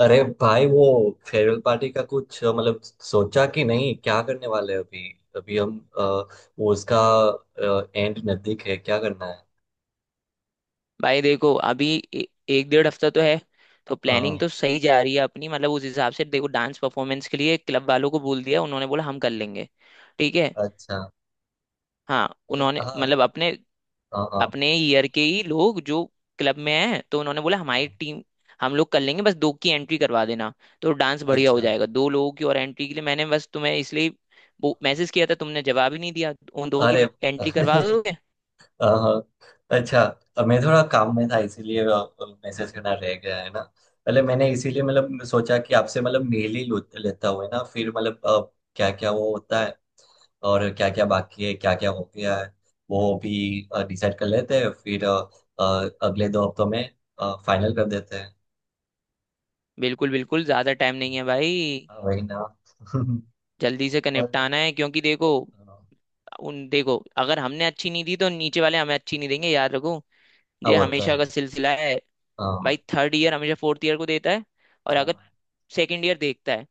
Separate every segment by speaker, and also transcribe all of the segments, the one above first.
Speaker 1: अरे भाई वो फेयरवेल पार्टी का कुछ मतलब सोचा कि नहीं क्या करने वाले हैं। अभी अभी हम वो उसका एंड नजदीक है, क्या करना है।
Speaker 2: भाई देखो अभी एक डेढ़ हफ्ता तो है। तो प्लानिंग
Speaker 1: हाँ।
Speaker 2: तो सही जा रही है अपनी, मतलब उस हिसाब से देखो। डांस परफॉर्मेंस के लिए क्लब वालों को बोल दिया, उन्होंने बोला हम कर लेंगे। ठीक है।
Speaker 1: अच्छा।
Speaker 2: हाँ,
Speaker 1: मतलब
Speaker 2: उन्होंने
Speaker 1: हाँ।
Speaker 2: मतलब अपने
Speaker 1: हाँ हाँ।
Speaker 2: अपने ईयर के ही लोग जो क्लब में हैं, तो उन्होंने बोला हमारी
Speaker 1: हाँ,
Speaker 2: टीम, हम लोग कर लेंगे, बस दो की एंट्री करवा देना। तो डांस बढ़िया हो
Speaker 1: अच्छा।
Speaker 2: जाएगा। दो लोगों की और एंट्री के लिए मैंने बस तुम्हें इसलिए वो मैसेज किया था, तुमने जवाब ही नहीं दिया। उन दो
Speaker 1: अरे
Speaker 2: की एंट्री करवा दोगे।
Speaker 1: हाँ। अच्छा, अब मैं थोड़ा काम में था इसीलिए मैसेज करना रह गया है ना। पहले मैंने इसीलिए मतलब सोचा कि आपसे मतलब मेल ही लेता हुआ ना, फिर मतलब क्या क्या वो होता है और क्या क्या बाकी है, क्या क्या हो गया है। वो भी डिसाइड कर लेते हैं फिर अगले दो हफ्तों में फाइनल कर देते हैं।
Speaker 2: बिल्कुल बिल्कुल, ज्यादा टाइम नहीं है भाई।
Speaker 1: हाँ, वही ना।
Speaker 2: जल्दी से
Speaker 1: और
Speaker 2: निपटाना है क्योंकि देखो, उन देखो, अगर हमने अच्छी नहीं दी तो नीचे वाले हमें अच्छी नहीं देंगे, याद रखो।
Speaker 1: हाँ,
Speaker 2: ये
Speaker 1: वो तो
Speaker 2: हमेशा
Speaker 1: है।
Speaker 2: का सिलसिला है।
Speaker 1: हाँ
Speaker 2: भाई थर्ड ईयर हमेशा फोर्थ ईयर को देता है, और अगर
Speaker 1: हाँ।
Speaker 2: सेकंड ईयर देखता है,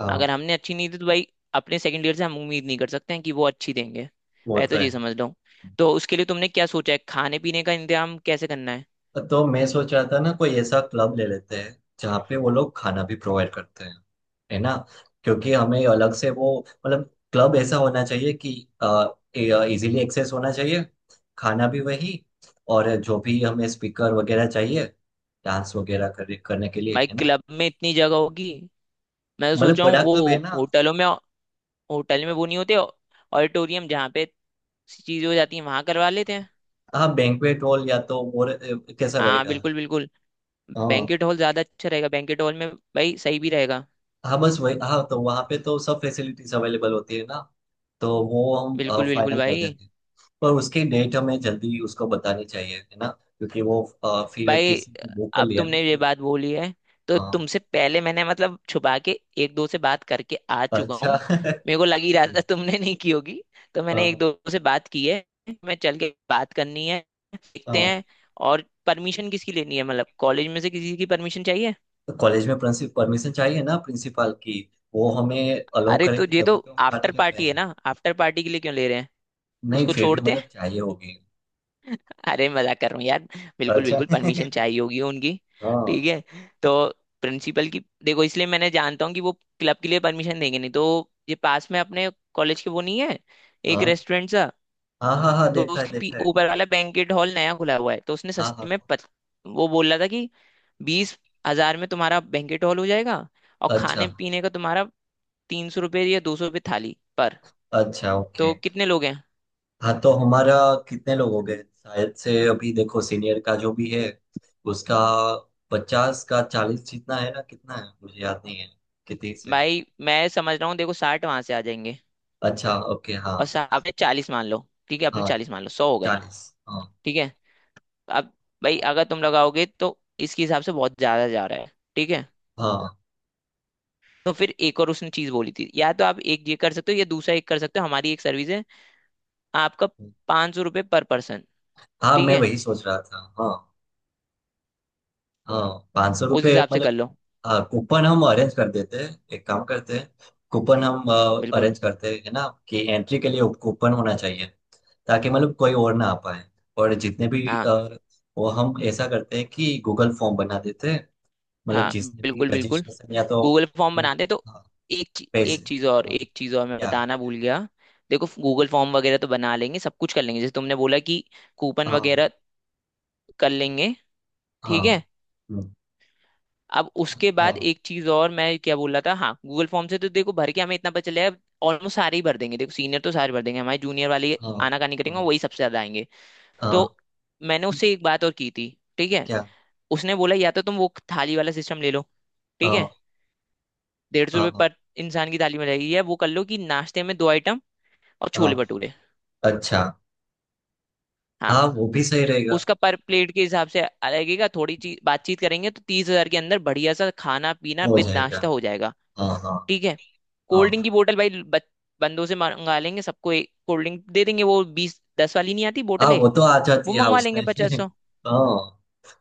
Speaker 1: हाँ,
Speaker 2: अगर हमने अच्छी नहीं दी तो भाई अपने सेकंड ईयर से हम उम्मीद नहीं कर सकते हैं कि वो अच्छी देंगे।
Speaker 1: वो
Speaker 2: पहले तो
Speaker 1: तो
Speaker 2: ये
Speaker 1: है।
Speaker 2: समझ लो। तो उसके लिए तुमने क्या सोचा है, खाने पीने का इंतजाम कैसे करना है।
Speaker 1: तो मैं सोच रहा था ना, कोई ऐसा क्लब ले लेते हैं जहाँ पे वो लोग खाना भी प्रोवाइड करते हैं, है ना। क्योंकि हमें अलग से वो मतलब क्लब ऐसा होना चाहिए कि इजीली एक्सेस होना चाहिए, खाना भी वही, और जो भी हमें स्पीकर वगैरह चाहिए डांस वगैरह करने के लिए,
Speaker 2: भाई
Speaker 1: है ना।
Speaker 2: क्लब में इतनी जगह होगी? मैं तो
Speaker 1: मतलब
Speaker 2: सोचा हूँ
Speaker 1: बड़ा
Speaker 2: वो
Speaker 1: क्लब है ना।
Speaker 2: होटलों में, होटल में वो नहीं होते ऑडिटोरियम जहाँ पे चीजें हो जाती हैं, वहां करवा लेते हैं।
Speaker 1: हाँ, बैंक्वेट हॉल या तो, और कैसा
Speaker 2: हाँ
Speaker 1: रहेगा।
Speaker 2: बिल्कुल बिल्कुल,
Speaker 1: हाँ।
Speaker 2: बैंकेट हॉल ज्यादा अच्छा रहेगा, बैंकेट हॉल में भाई सही भी रहेगा।
Speaker 1: हाँ, बस वही। हाँ, तो वहाँ पे तो सब फैसिलिटीज अवेलेबल होती है ना। तो वो हम
Speaker 2: बिल्कुल बिल्कुल
Speaker 1: फाइनल कर
Speaker 2: भाई।
Speaker 1: देते हैं। पर उसकी डेट हमें जल्दी उसको बतानी चाहिए है ना, क्योंकि वो फिर
Speaker 2: भाई
Speaker 1: किसी को बुक कर
Speaker 2: अब
Speaker 1: लिया ना
Speaker 2: तुमने ये
Speaker 1: तो।
Speaker 2: बात बोली है, तो
Speaker 1: हाँ।
Speaker 2: तुमसे पहले मैंने मतलब छुपा के एक दो से बात करके आ चुका
Speaker 1: अच्छा
Speaker 2: हूँ। मेरे को लग ही रहा था तुमने नहीं की होगी। तो मैंने एक
Speaker 1: हाँ।
Speaker 2: दो से बात की है, मैं चल के बात करनी है, देखते
Speaker 1: हाँ,
Speaker 2: हैं। और परमिशन किसकी लेनी है, मतलब कॉलेज में से किसी की परमिशन चाहिए?
Speaker 1: तो कॉलेज में प्रिंसिपल परमिशन चाहिए ना, प्रिंसिपल की। वो हमें अलाउ
Speaker 2: अरे तो
Speaker 1: करेंगे
Speaker 2: ये तो
Speaker 1: तभी तो हम पार्टी
Speaker 2: आफ्टर
Speaker 1: कर
Speaker 2: पार्टी है
Speaker 1: पाएंगे।
Speaker 2: ना, आफ्टर पार्टी के लिए क्यों ले रहे हैं।
Speaker 1: नहीं,
Speaker 2: उसको
Speaker 1: फिर भी
Speaker 2: छोड़ते,
Speaker 1: मतलब चाहिए होगी।
Speaker 2: अरे मजाक कर रहा हूँ यार। बिल्कुल
Speaker 1: अच्छा
Speaker 2: बिल्कुल परमिशन चाहिए होगी उनकी। ठीक
Speaker 1: हाँ।
Speaker 2: है। तो प्रिंसिपल की देखो, इसलिए मैंने जानता हूँ कि वो क्लब के लिए परमिशन देंगे नहीं। तो ये पास में अपने कॉलेज के वो नहीं है, एक
Speaker 1: हाँ
Speaker 2: रेस्टोरेंट सा।
Speaker 1: हाँ हाँ, हाँ
Speaker 2: तो
Speaker 1: देखा है
Speaker 2: उसके
Speaker 1: देखा है।
Speaker 2: ऊपर वाला बैंकेट हॉल नया खुला हुआ है, तो उसने
Speaker 1: हाँ
Speaker 2: सस्ते
Speaker 1: हाँ
Speaker 2: में
Speaker 1: हाँ।
Speaker 2: वो बोल रहा था कि 20,000 में तुम्हारा बैंकेट हॉल हो जाएगा। और
Speaker 1: अच्छा।
Speaker 2: खाने पीने का तुम्हारा 300 रुपये या 200 रुपये थाली पर।
Speaker 1: अच्छा ओके।
Speaker 2: तो कितने लोग हैं?
Speaker 1: हाँ तो हमारा कितने लोग हो गए, शायद से अभी देखो सीनियर का जो भी है, उसका 50 का 40 जितना है ना, कितना है मुझे याद नहीं है। कितनी से।
Speaker 2: भाई मैं समझ रहा हूँ, देखो 60 वहां से आ जाएंगे,
Speaker 1: अच्छा ओके। हाँ।
Speaker 2: और आपने 40 मान लो, ठीक है आपने
Speaker 1: हाँ
Speaker 2: 40 मान लो, 100 हो गए।
Speaker 1: 40। हाँ।
Speaker 2: ठीक है। अब भाई अगर तुम लगाओगे तो इसके हिसाब से बहुत ज्यादा जा रहा है। ठीक है।
Speaker 1: हाँ
Speaker 2: तो फिर एक और उसने चीज बोली थी, या तो आप एक ये कर सकते हो या दूसरा एक कर सकते हो, हमारी एक सर्विस है, आपका 500 रुपये पर पर्सन।
Speaker 1: हाँ,
Speaker 2: ठीक
Speaker 1: मैं
Speaker 2: है,
Speaker 1: वही सोच रहा था। हाँ। हाँ, पाँच सौ
Speaker 2: उस
Speaker 1: रुपये
Speaker 2: हिसाब से
Speaker 1: मतलब।
Speaker 2: कर लो।
Speaker 1: हाँ, कूपन हम अरेंज कर देते हैं, एक काम करते हैं। कूपन हम
Speaker 2: बिल्कुल।
Speaker 1: अरेंज करते हैं, है ना, कि एंट्री के लिए कूपन होना चाहिए, ताकि मतलब कोई और ना आ पाए। और जितने भी
Speaker 2: हाँ
Speaker 1: वो हम ऐसा करते हैं कि गूगल फॉर्म बना देते हैं, मतलब
Speaker 2: हाँ
Speaker 1: जिसने भी
Speaker 2: बिल्कुल बिल्कुल,
Speaker 1: रजिस्ट्रेशन या तो
Speaker 2: गूगल फॉर्म
Speaker 1: वो,
Speaker 2: बनाते तो
Speaker 1: हाँ, पैसे।
Speaker 2: एक चीज और,
Speaker 1: हाँ,
Speaker 2: एक चीज और मैं
Speaker 1: क्या।
Speaker 2: बताना भूल गया। देखो गूगल फॉर्म वगैरह तो बना लेंगे, सब कुछ कर लेंगे, जैसे तुमने बोला कि कूपन
Speaker 1: हाँ
Speaker 2: वगैरह कर लेंगे।
Speaker 1: हाँ।
Speaker 2: ठीक है।
Speaker 1: हम्म,
Speaker 2: अब उसके बाद
Speaker 1: हाँ
Speaker 2: एक चीज और, मैं क्या बोल रहा था, हाँ गूगल फॉर्म से तो देखो भर के हमें इतना पता चलेगा। ऑलमोस्ट सारे ही भर देंगे, देखो सीनियर तो सारे भर देंगे, हमारे जूनियर वाले
Speaker 1: हाँ
Speaker 2: आनाकानी करेंगे और
Speaker 1: हाँ।
Speaker 2: वही सबसे ज्यादा आएंगे। तो
Speaker 1: हाँ,
Speaker 2: मैंने उससे एक बात और की थी। ठीक है।
Speaker 1: क्या।
Speaker 2: उसने बोला या तो तुम वो थाली वाला सिस्टम ले लो, ठीक है,
Speaker 1: हाँ
Speaker 2: डेढ़ सौ
Speaker 1: हाँ
Speaker 2: रुपये
Speaker 1: हाँ।
Speaker 2: पर इंसान की थाली में रहेगी, या वो कर लो कि नाश्ते में दो आइटम और
Speaker 1: हाँ,
Speaker 2: छोले भटूरे।
Speaker 1: अच्छा।
Speaker 2: हाँ।
Speaker 1: हाँ, वो भी सही रहेगा।
Speaker 2: उसका पर प्लेट के हिसाब से लगेगा, थोड़ी चीज बातचीत करेंगे तो 30,000 के अंदर बढ़िया सा खाना पीना
Speaker 1: हो
Speaker 2: विद
Speaker 1: जाएगा।
Speaker 2: नाश्ता हो जाएगा।
Speaker 1: हाँ हाँ।
Speaker 2: ठीक है। कोल्ड ड्रिंक की
Speaker 1: हाँ।
Speaker 2: बोतल भाई, बंदों से मंगा लेंगे, सबको एक कोल्ड ड्रिंक दे देंगे, वो बीस दस वाली नहीं आती
Speaker 1: हाँ
Speaker 2: बोतल है,
Speaker 1: वो तो आ जाती
Speaker 2: वो
Speaker 1: है, हाँ
Speaker 2: मंगवा
Speaker 1: उसमें
Speaker 2: लेंगे पचास सौ।
Speaker 1: हाँ,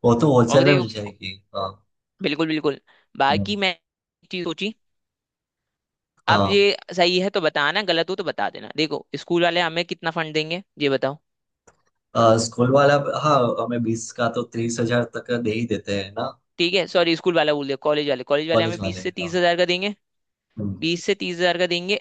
Speaker 1: वो तो
Speaker 2: और
Speaker 1: होलसेल में मिल
Speaker 2: देखो,
Speaker 1: जाएगी। हाँ।
Speaker 2: बिल्कुल बिल्कुल,
Speaker 1: हम्म,
Speaker 2: बाकी मैं एक चीज सोची। अब
Speaker 1: हाँ।
Speaker 2: ये सही है तो बताना, गलत हो तो बता देना। देखो स्कूल वाले हमें कितना फंड देंगे ये बताओ।
Speaker 1: स्कूल वाला। हाँ, हमें 20 का तो 30,000 तक दे ही देते हैं ना।
Speaker 2: ठीक है सॉरी, स्कूल वाला बोल दिया, कॉलेज वाले, कॉलेज वाले
Speaker 1: कॉलेज
Speaker 2: हमें बीस
Speaker 1: वाले।
Speaker 2: से
Speaker 1: हाँ।
Speaker 2: तीस हजार का देंगे,
Speaker 1: हम्म,
Speaker 2: 20,000 से 30,000 का देंगे।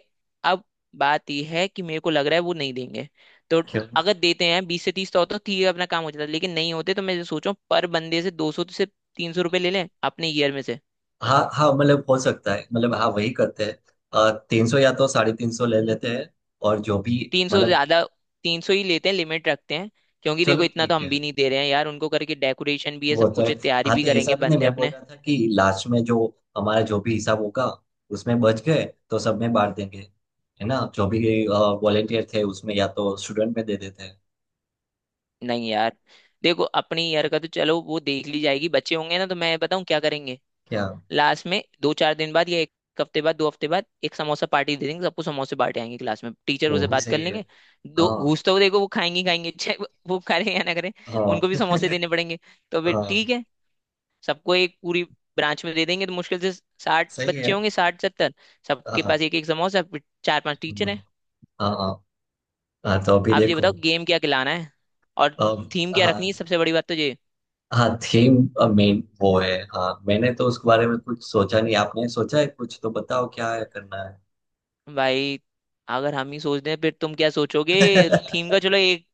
Speaker 2: अब बात यह है कि मेरे को लग रहा है वो नहीं देंगे। तो
Speaker 1: क्यों।
Speaker 2: अगर देते हैं 20,000 से 30,000 तो होता ठीक है, अपना काम हो जाता, लेकिन नहीं होते तो मैं सोचो पर बंदे से 200 से 300 रुपये ले लें अपने ईयर में से।
Speaker 1: हाँ हाँ, मतलब हो सकता है, मतलब हाँ वही करते हैं, 300 या तो 350 ले लेते हैं। और जो भी
Speaker 2: 300
Speaker 1: मतलब।
Speaker 2: ज्यादा, तीन सौ ही लेते हैं, लिमिट रखते हैं। क्योंकि
Speaker 1: चलो
Speaker 2: देखो इतना तो
Speaker 1: ठीक
Speaker 2: हम
Speaker 1: है।
Speaker 2: भी नहीं दे रहे हैं यार उनको करके, डेकोरेशन भी है,
Speaker 1: वो
Speaker 2: सब
Speaker 1: तो
Speaker 2: कुछ
Speaker 1: है।
Speaker 2: है, तैयारी
Speaker 1: हाँ,
Speaker 2: भी
Speaker 1: तो ऐसा
Speaker 2: करेंगे
Speaker 1: तो नहीं,
Speaker 2: बंदे
Speaker 1: मैं बोल
Speaker 2: अपने।
Speaker 1: रहा था कि लास्ट में जो हमारा जो भी हिसाब होगा उसमें बच गए तो सब में बांट देंगे, है ना, जो भी वॉलेंटियर थे उसमें या तो स्टूडेंट में दे देते हैं।
Speaker 2: नहीं यार, देखो अपने ईयर का तो चलो वो देख ली जाएगी, बच्चे होंगे ना तो मैं बताऊं क्या करेंगे।
Speaker 1: क्या।
Speaker 2: लास्ट में दो चार दिन बाद या एक हफ्ते बाद, दो हफ्ते बाद एक समोसा पार्टी दे देंगे, सबको समोसे बांटे आएंगे क्लास में, टीचर
Speaker 1: वो
Speaker 2: उसे
Speaker 1: भी
Speaker 2: बात कर
Speaker 1: सही है।
Speaker 2: लेंगे। दो
Speaker 1: हाँ
Speaker 2: घूसते हुए देखो वो खाएंगे ही खाएंगे, चाहे वो खा रहे हैं या ना करें, उनको भी
Speaker 1: हाँ।
Speaker 2: समोसे देने पड़ेंगे। तो फिर
Speaker 1: हाँ
Speaker 2: ठीक है, सबको एक पूरी ब्रांच में दे देंगे तो मुश्किल से 60
Speaker 1: सही
Speaker 2: बच्चे
Speaker 1: है।
Speaker 2: होंगे, 60-70, सबके
Speaker 1: हाँ।
Speaker 2: पास एक एक समोसा, फिर चार पांच
Speaker 1: हम्म,
Speaker 2: टीचर हैं।
Speaker 1: हाँ हाँ। हाँ, तो अभी
Speaker 2: आप ये
Speaker 1: देखो।
Speaker 2: बताओ गेम क्या खिलाना है, और
Speaker 1: अब।
Speaker 2: थीम क्या रखनी
Speaker 1: हाँ।
Speaker 2: है, सबसे बड़ी बात तो ये।
Speaker 1: हाँ थीम। मेन वो है। हाँ मैंने तो उसके बारे में कुछ सोचा नहीं, आपने सोचा है कुछ तो बताओ क्या है करना है।
Speaker 2: भाई अगर हम ही सोच दें फिर तुम क्या सोचोगे, थीम का चलो एक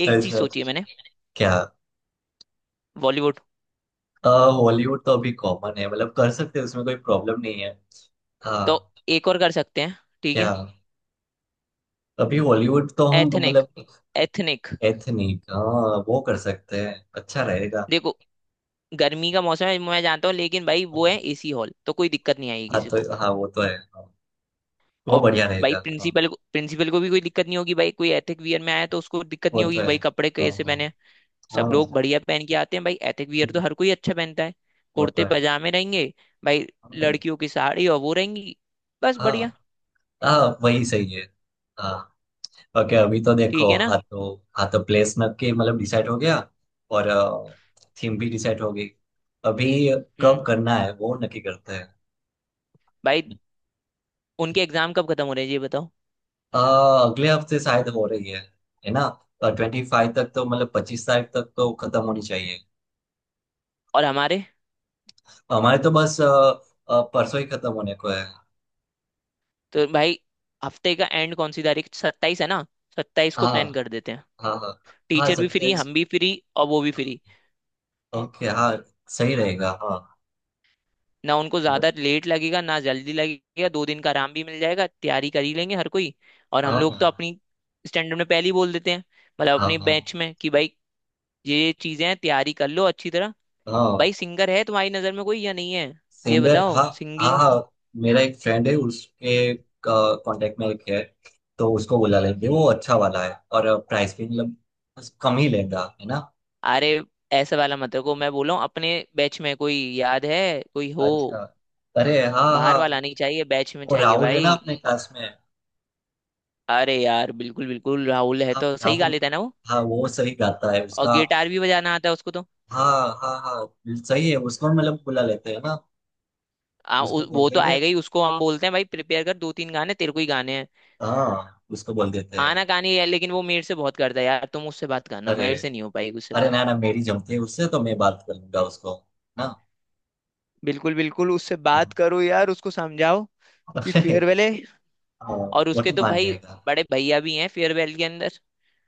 Speaker 2: एक चीज
Speaker 1: अच्छा।
Speaker 2: सोची है मैंने।
Speaker 1: क्या।
Speaker 2: बॉलीवुड।
Speaker 1: हॉलीवुड तो अभी कॉमन है, मतलब कर सकते हैं, उसमें कोई प्रॉब्लम नहीं है।
Speaker 2: तो
Speaker 1: हाँ।
Speaker 2: एक और कर सकते हैं, ठीक
Speaker 1: क्या।
Speaker 2: है।
Speaker 1: अभी हॉलीवुड तो हम
Speaker 2: एथनिक,
Speaker 1: मतलब।
Speaker 2: एथनिक।
Speaker 1: एथनिक हाँ, वो कर सकते हैं। अच्छा रहेगा।
Speaker 2: देखो गर्मी का मौसम है मैं जानता हूँ, लेकिन भाई वो है
Speaker 1: हाँ।
Speaker 2: एसी हॉल तो कोई दिक्कत नहीं आएगी
Speaker 1: हाँ,
Speaker 2: किसी को।
Speaker 1: तो हाँ वो तो है। हाँ, वो
Speaker 2: और
Speaker 1: बढ़िया
Speaker 2: भाई
Speaker 1: रहेगा। हाँ।
Speaker 2: प्रिंसिपल को भी कोई दिक्कत नहीं होगी, भाई कोई एथिक वियर में आया तो उसको दिक्कत
Speaker 1: वो
Speaker 2: नहीं
Speaker 1: तो
Speaker 2: होगी,
Speaker 1: है।
Speaker 2: भाई कपड़े
Speaker 1: हाँ
Speaker 2: कैसे
Speaker 1: हाँ।
Speaker 2: पहने हैं। सब लोग
Speaker 1: हाँ।
Speaker 2: बढ़िया पहन के आते हैं, भाई एथिक वियर तो
Speaker 1: हम्म,
Speaker 2: हर कोई अच्छा पहनता है।
Speaker 1: वो तो
Speaker 2: कुर्ते
Speaker 1: है।
Speaker 2: पजामे रहेंगे भाई।
Speaker 1: हाँ।
Speaker 2: लड़कियों की साड़ी और वो रहेंगी, बस
Speaker 1: हाँ,
Speaker 2: बढ़िया।
Speaker 1: हाँ, वही सही है। हाँ। ओके अभी तो
Speaker 2: ठीक
Speaker 1: देखो,
Speaker 2: है ना।
Speaker 1: हाँ तो प्लेस में के
Speaker 2: हम्म।
Speaker 1: मतलब डिसाइड हो गया, और थीम भी डिसाइड हो गई। अभी
Speaker 2: हम्म।
Speaker 1: कब करना है वो नक्की करते हैं।
Speaker 2: भाई उनके एग्जाम कब खत्म हो रहे हैं ये बताओ।
Speaker 1: आ, अगले हफ्ते शायद हो रही है ना। 25 तक तो मतलब 25 तारीख तक तो खत्म होनी चाहिए।
Speaker 2: और हमारे
Speaker 1: हमारे तो बस परसों ही खत्म होने को है।
Speaker 2: तो भाई हफ्ते का एंड कौन सी तारीख, 27 है ना, 27 को प्लान
Speaker 1: हाँ
Speaker 2: कर देते हैं।
Speaker 1: हाँ। हाँ। हाँ
Speaker 2: टीचर भी फ्री,
Speaker 1: 27।
Speaker 2: हम भी फ्री, और वो भी फ्री।
Speaker 1: ओके हाँ, सही रहेगा। हाँ।
Speaker 2: ना उनको
Speaker 1: चलो।
Speaker 2: ज्यादा लेट लगेगा ना जल्दी लगेगा, दो दिन का आराम भी मिल जाएगा, तैयारी कर ही लेंगे हर कोई। और हम
Speaker 1: हाँ
Speaker 2: लोग तो
Speaker 1: हाँ।
Speaker 2: अपनी स्टैंडर्ड में पहले ही बोल देते हैं, मतलब अपने
Speaker 1: हाँ।
Speaker 2: बैच में कि भाई ये चीजें हैं, तैयारी कर लो अच्छी तरह।
Speaker 1: हाँ
Speaker 2: भाई सिंगर है तुम्हारी नजर में कोई या नहीं है, ये
Speaker 1: सिंगर। हाँ
Speaker 2: बताओ,
Speaker 1: हाँ।
Speaker 2: सिंगिंग।
Speaker 1: हाँ मेरा एक फ्रेंड है, उसके कांटेक्ट में एक है, तो उसको बुला लेंगे। वो अच्छा वाला है और प्राइस भी मतलब बस कम ही लेगा, है ना।
Speaker 2: अरे ऐसा वाला मत रखो, मैं बोला हूँ अपने बैच में कोई याद है, कोई हो,
Speaker 1: अच्छा। अरे हाँ हाँ।
Speaker 2: बाहर वाला नहीं चाहिए, बैच में
Speaker 1: वो
Speaker 2: चाहिए
Speaker 1: राहुल है ना,
Speaker 2: भाई।
Speaker 1: अपने
Speaker 2: अ-
Speaker 1: क्लास में।
Speaker 2: अरे यार बिल्कुल बिल्कुल, राहुल है
Speaker 1: हाँ
Speaker 2: तो सही गा
Speaker 1: राहुल।
Speaker 2: लेता है ना वो,
Speaker 1: हाँ वो सही गाता है
Speaker 2: और
Speaker 1: उसका।
Speaker 2: गिटार भी बजाना आता है उसको तो।
Speaker 1: हाँ हाँ हाँ सही है, उसको मतलब बुला लेते हैं ना। उसको बोल
Speaker 2: वो तो
Speaker 1: देंगे।
Speaker 2: आएगा ही, उसको हम बोलते हैं भाई प्रिपेयर कर दो, तीन गाने तेरे को ही गाने हैं।
Speaker 1: हाँ उसको बोल देते हैं।
Speaker 2: आना गाने है, लेकिन वो मेरे से बहुत करता है यार, तुम उससे बात करना,
Speaker 1: अरे।
Speaker 2: मेरे से नहीं हो पाएगी उससे
Speaker 1: अरे,
Speaker 2: बात।
Speaker 1: ना ना, मेरी जमती है उससे, तो मैं बात कर लूंगा उसको। ना।
Speaker 2: बिल्कुल बिल्कुल, उससे
Speaker 1: हाँ।
Speaker 2: बात करो यार, उसको समझाओ कि फेयरवेल है।
Speaker 1: हाँ,
Speaker 2: और
Speaker 1: वो
Speaker 2: उसके
Speaker 1: तो
Speaker 2: तो
Speaker 1: मान
Speaker 2: भाई
Speaker 1: जाएगा।
Speaker 2: बड़े भैया भी हैं फेयरवेल के अंदर,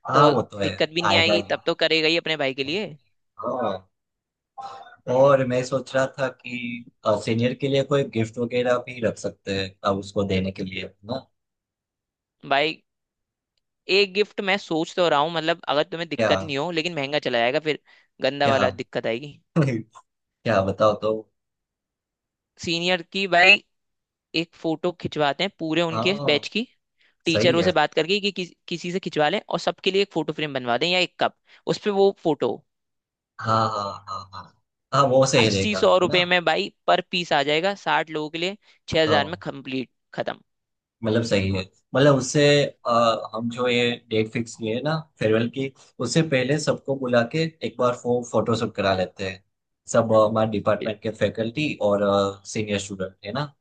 Speaker 1: हाँ,
Speaker 2: तो
Speaker 1: वो तो है।
Speaker 2: दिक्कत भी नहीं
Speaker 1: आएगा
Speaker 2: आएगी,
Speaker 1: ही।
Speaker 2: तब तो करेगा ही अपने भाई के लिए।
Speaker 1: हाँ। और मैं सोच रहा था कि सीनियर के लिए कोई गिफ्ट वगैरह भी रख सकते हैं अब, उसको देने के लिए ना।
Speaker 2: भाई एक गिफ्ट मैं सोच तो रहा हूँ, मतलब अगर तुम्हें
Speaker 1: क्या।
Speaker 2: दिक्कत नहीं हो, लेकिन महंगा चला जाएगा फिर, गंदा
Speaker 1: क्या।
Speaker 2: वाला दिक्कत आएगी।
Speaker 1: क्या बताओ तो।
Speaker 2: सीनियर की भाई एक फोटो खिंचवाते हैं पूरे उनके
Speaker 1: हाँ
Speaker 2: बैच की,
Speaker 1: सही
Speaker 2: टीचरों
Speaker 1: है।
Speaker 2: से बात करके कि किसी से खिंचवा लें, और सबके लिए एक फोटो फ्रेम बनवा दें या एक कप। उस पे वो फोटो
Speaker 1: हाँ हाँ हाँ हाँ। हाँ वो सही
Speaker 2: अस्सी
Speaker 1: रहेगा,
Speaker 2: सौ
Speaker 1: है ना।
Speaker 2: रुपये में भाई पर पीस आ जाएगा, 60 लोगों के लिए 6,000 में
Speaker 1: हाँ,
Speaker 2: कंप्लीट खत्म।
Speaker 1: मतलब सही है। मतलब उससे हम जो ये डेट फिक्स किए हैं ना फेयरवेल की, उससे पहले सबको बुला के एक बार फोटोशूट करा लेते हैं। सब अ, हमारे
Speaker 2: बिल-
Speaker 1: डिपार्टमेंट के फैकल्टी और सीनियर स्टूडेंट है ना।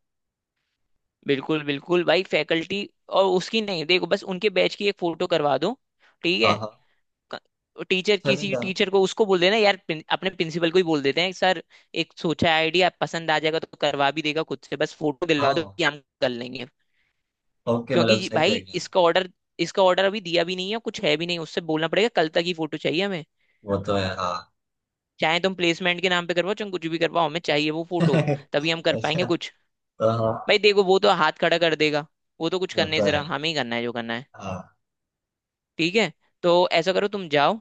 Speaker 2: बिल्कुल बिल्कुल भाई फैकल्टी और उसकी नहीं, देखो बस उनके बैच की एक फोटो करवा दो। ठीक
Speaker 1: हाँ
Speaker 2: है।
Speaker 1: हाँ।
Speaker 2: टीचर, किसी
Speaker 1: चलेगा।
Speaker 2: टीचर को उसको बोल देना यार, अपने प्रिंसिपल को ही बोल देते हैं, सर एक सोचा है, आइडिया पसंद आ जाएगा तो करवा भी देगा खुद से, बस फोटो दिलवा दो
Speaker 1: हाँ
Speaker 2: कि हम कर लेंगे।
Speaker 1: ओके,
Speaker 2: क्योंकि
Speaker 1: मतलब सही
Speaker 2: भाई
Speaker 1: रहेगा।
Speaker 2: इसका ऑर्डर, इसका ऑर्डर अभी दिया भी नहीं है कुछ है भी नहीं, उससे बोलना पड़ेगा कल तक ही फोटो चाहिए हमें।
Speaker 1: वो तो है। हाँ
Speaker 2: चाहे तुम प्लेसमेंट के नाम पे करवाओ चाहे कुछ भी करवाओ, हमें चाहिए वो फोटो, तभी हम कर पाएंगे
Speaker 1: अच्छा।
Speaker 2: कुछ।
Speaker 1: तो हाँ।
Speaker 2: भाई देखो वो तो हाथ खड़ा कर देगा, वो तो कुछ
Speaker 1: वो
Speaker 2: करने
Speaker 1: तो
Speaker 2: जरा,
Speaker 1: है।
Speaker 2: हमें ही करना है जो करना है।
Speaker 1: हाँ।
Speaker 2: ठीक है। तो ऐसा करो तुम जाओ,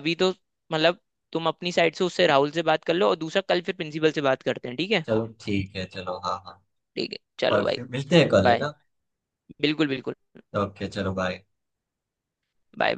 Speaker 2: अभी तो मतलब तुम अपनी साइड से उससे, राहुल से बात कर लो, और दूसरा कल फिर प्रिंसिपल से बात करते हैं, ठीक है।
Speaker 1: चलो ठीक है, चलो हाँ हाँ।
Speaker 2: ठीक है चलो
Speaker 1: और
Speaker 2: भाई,
Speaker 1: फिर मिलते हैं कल, है
Speaker 2: बाय,
Speaker 1: ना।
Speaker 2: बिल्कुल बिल्कुल,
Speaker 1: ओके चलो बाय।
Speaker 2: Bye bye.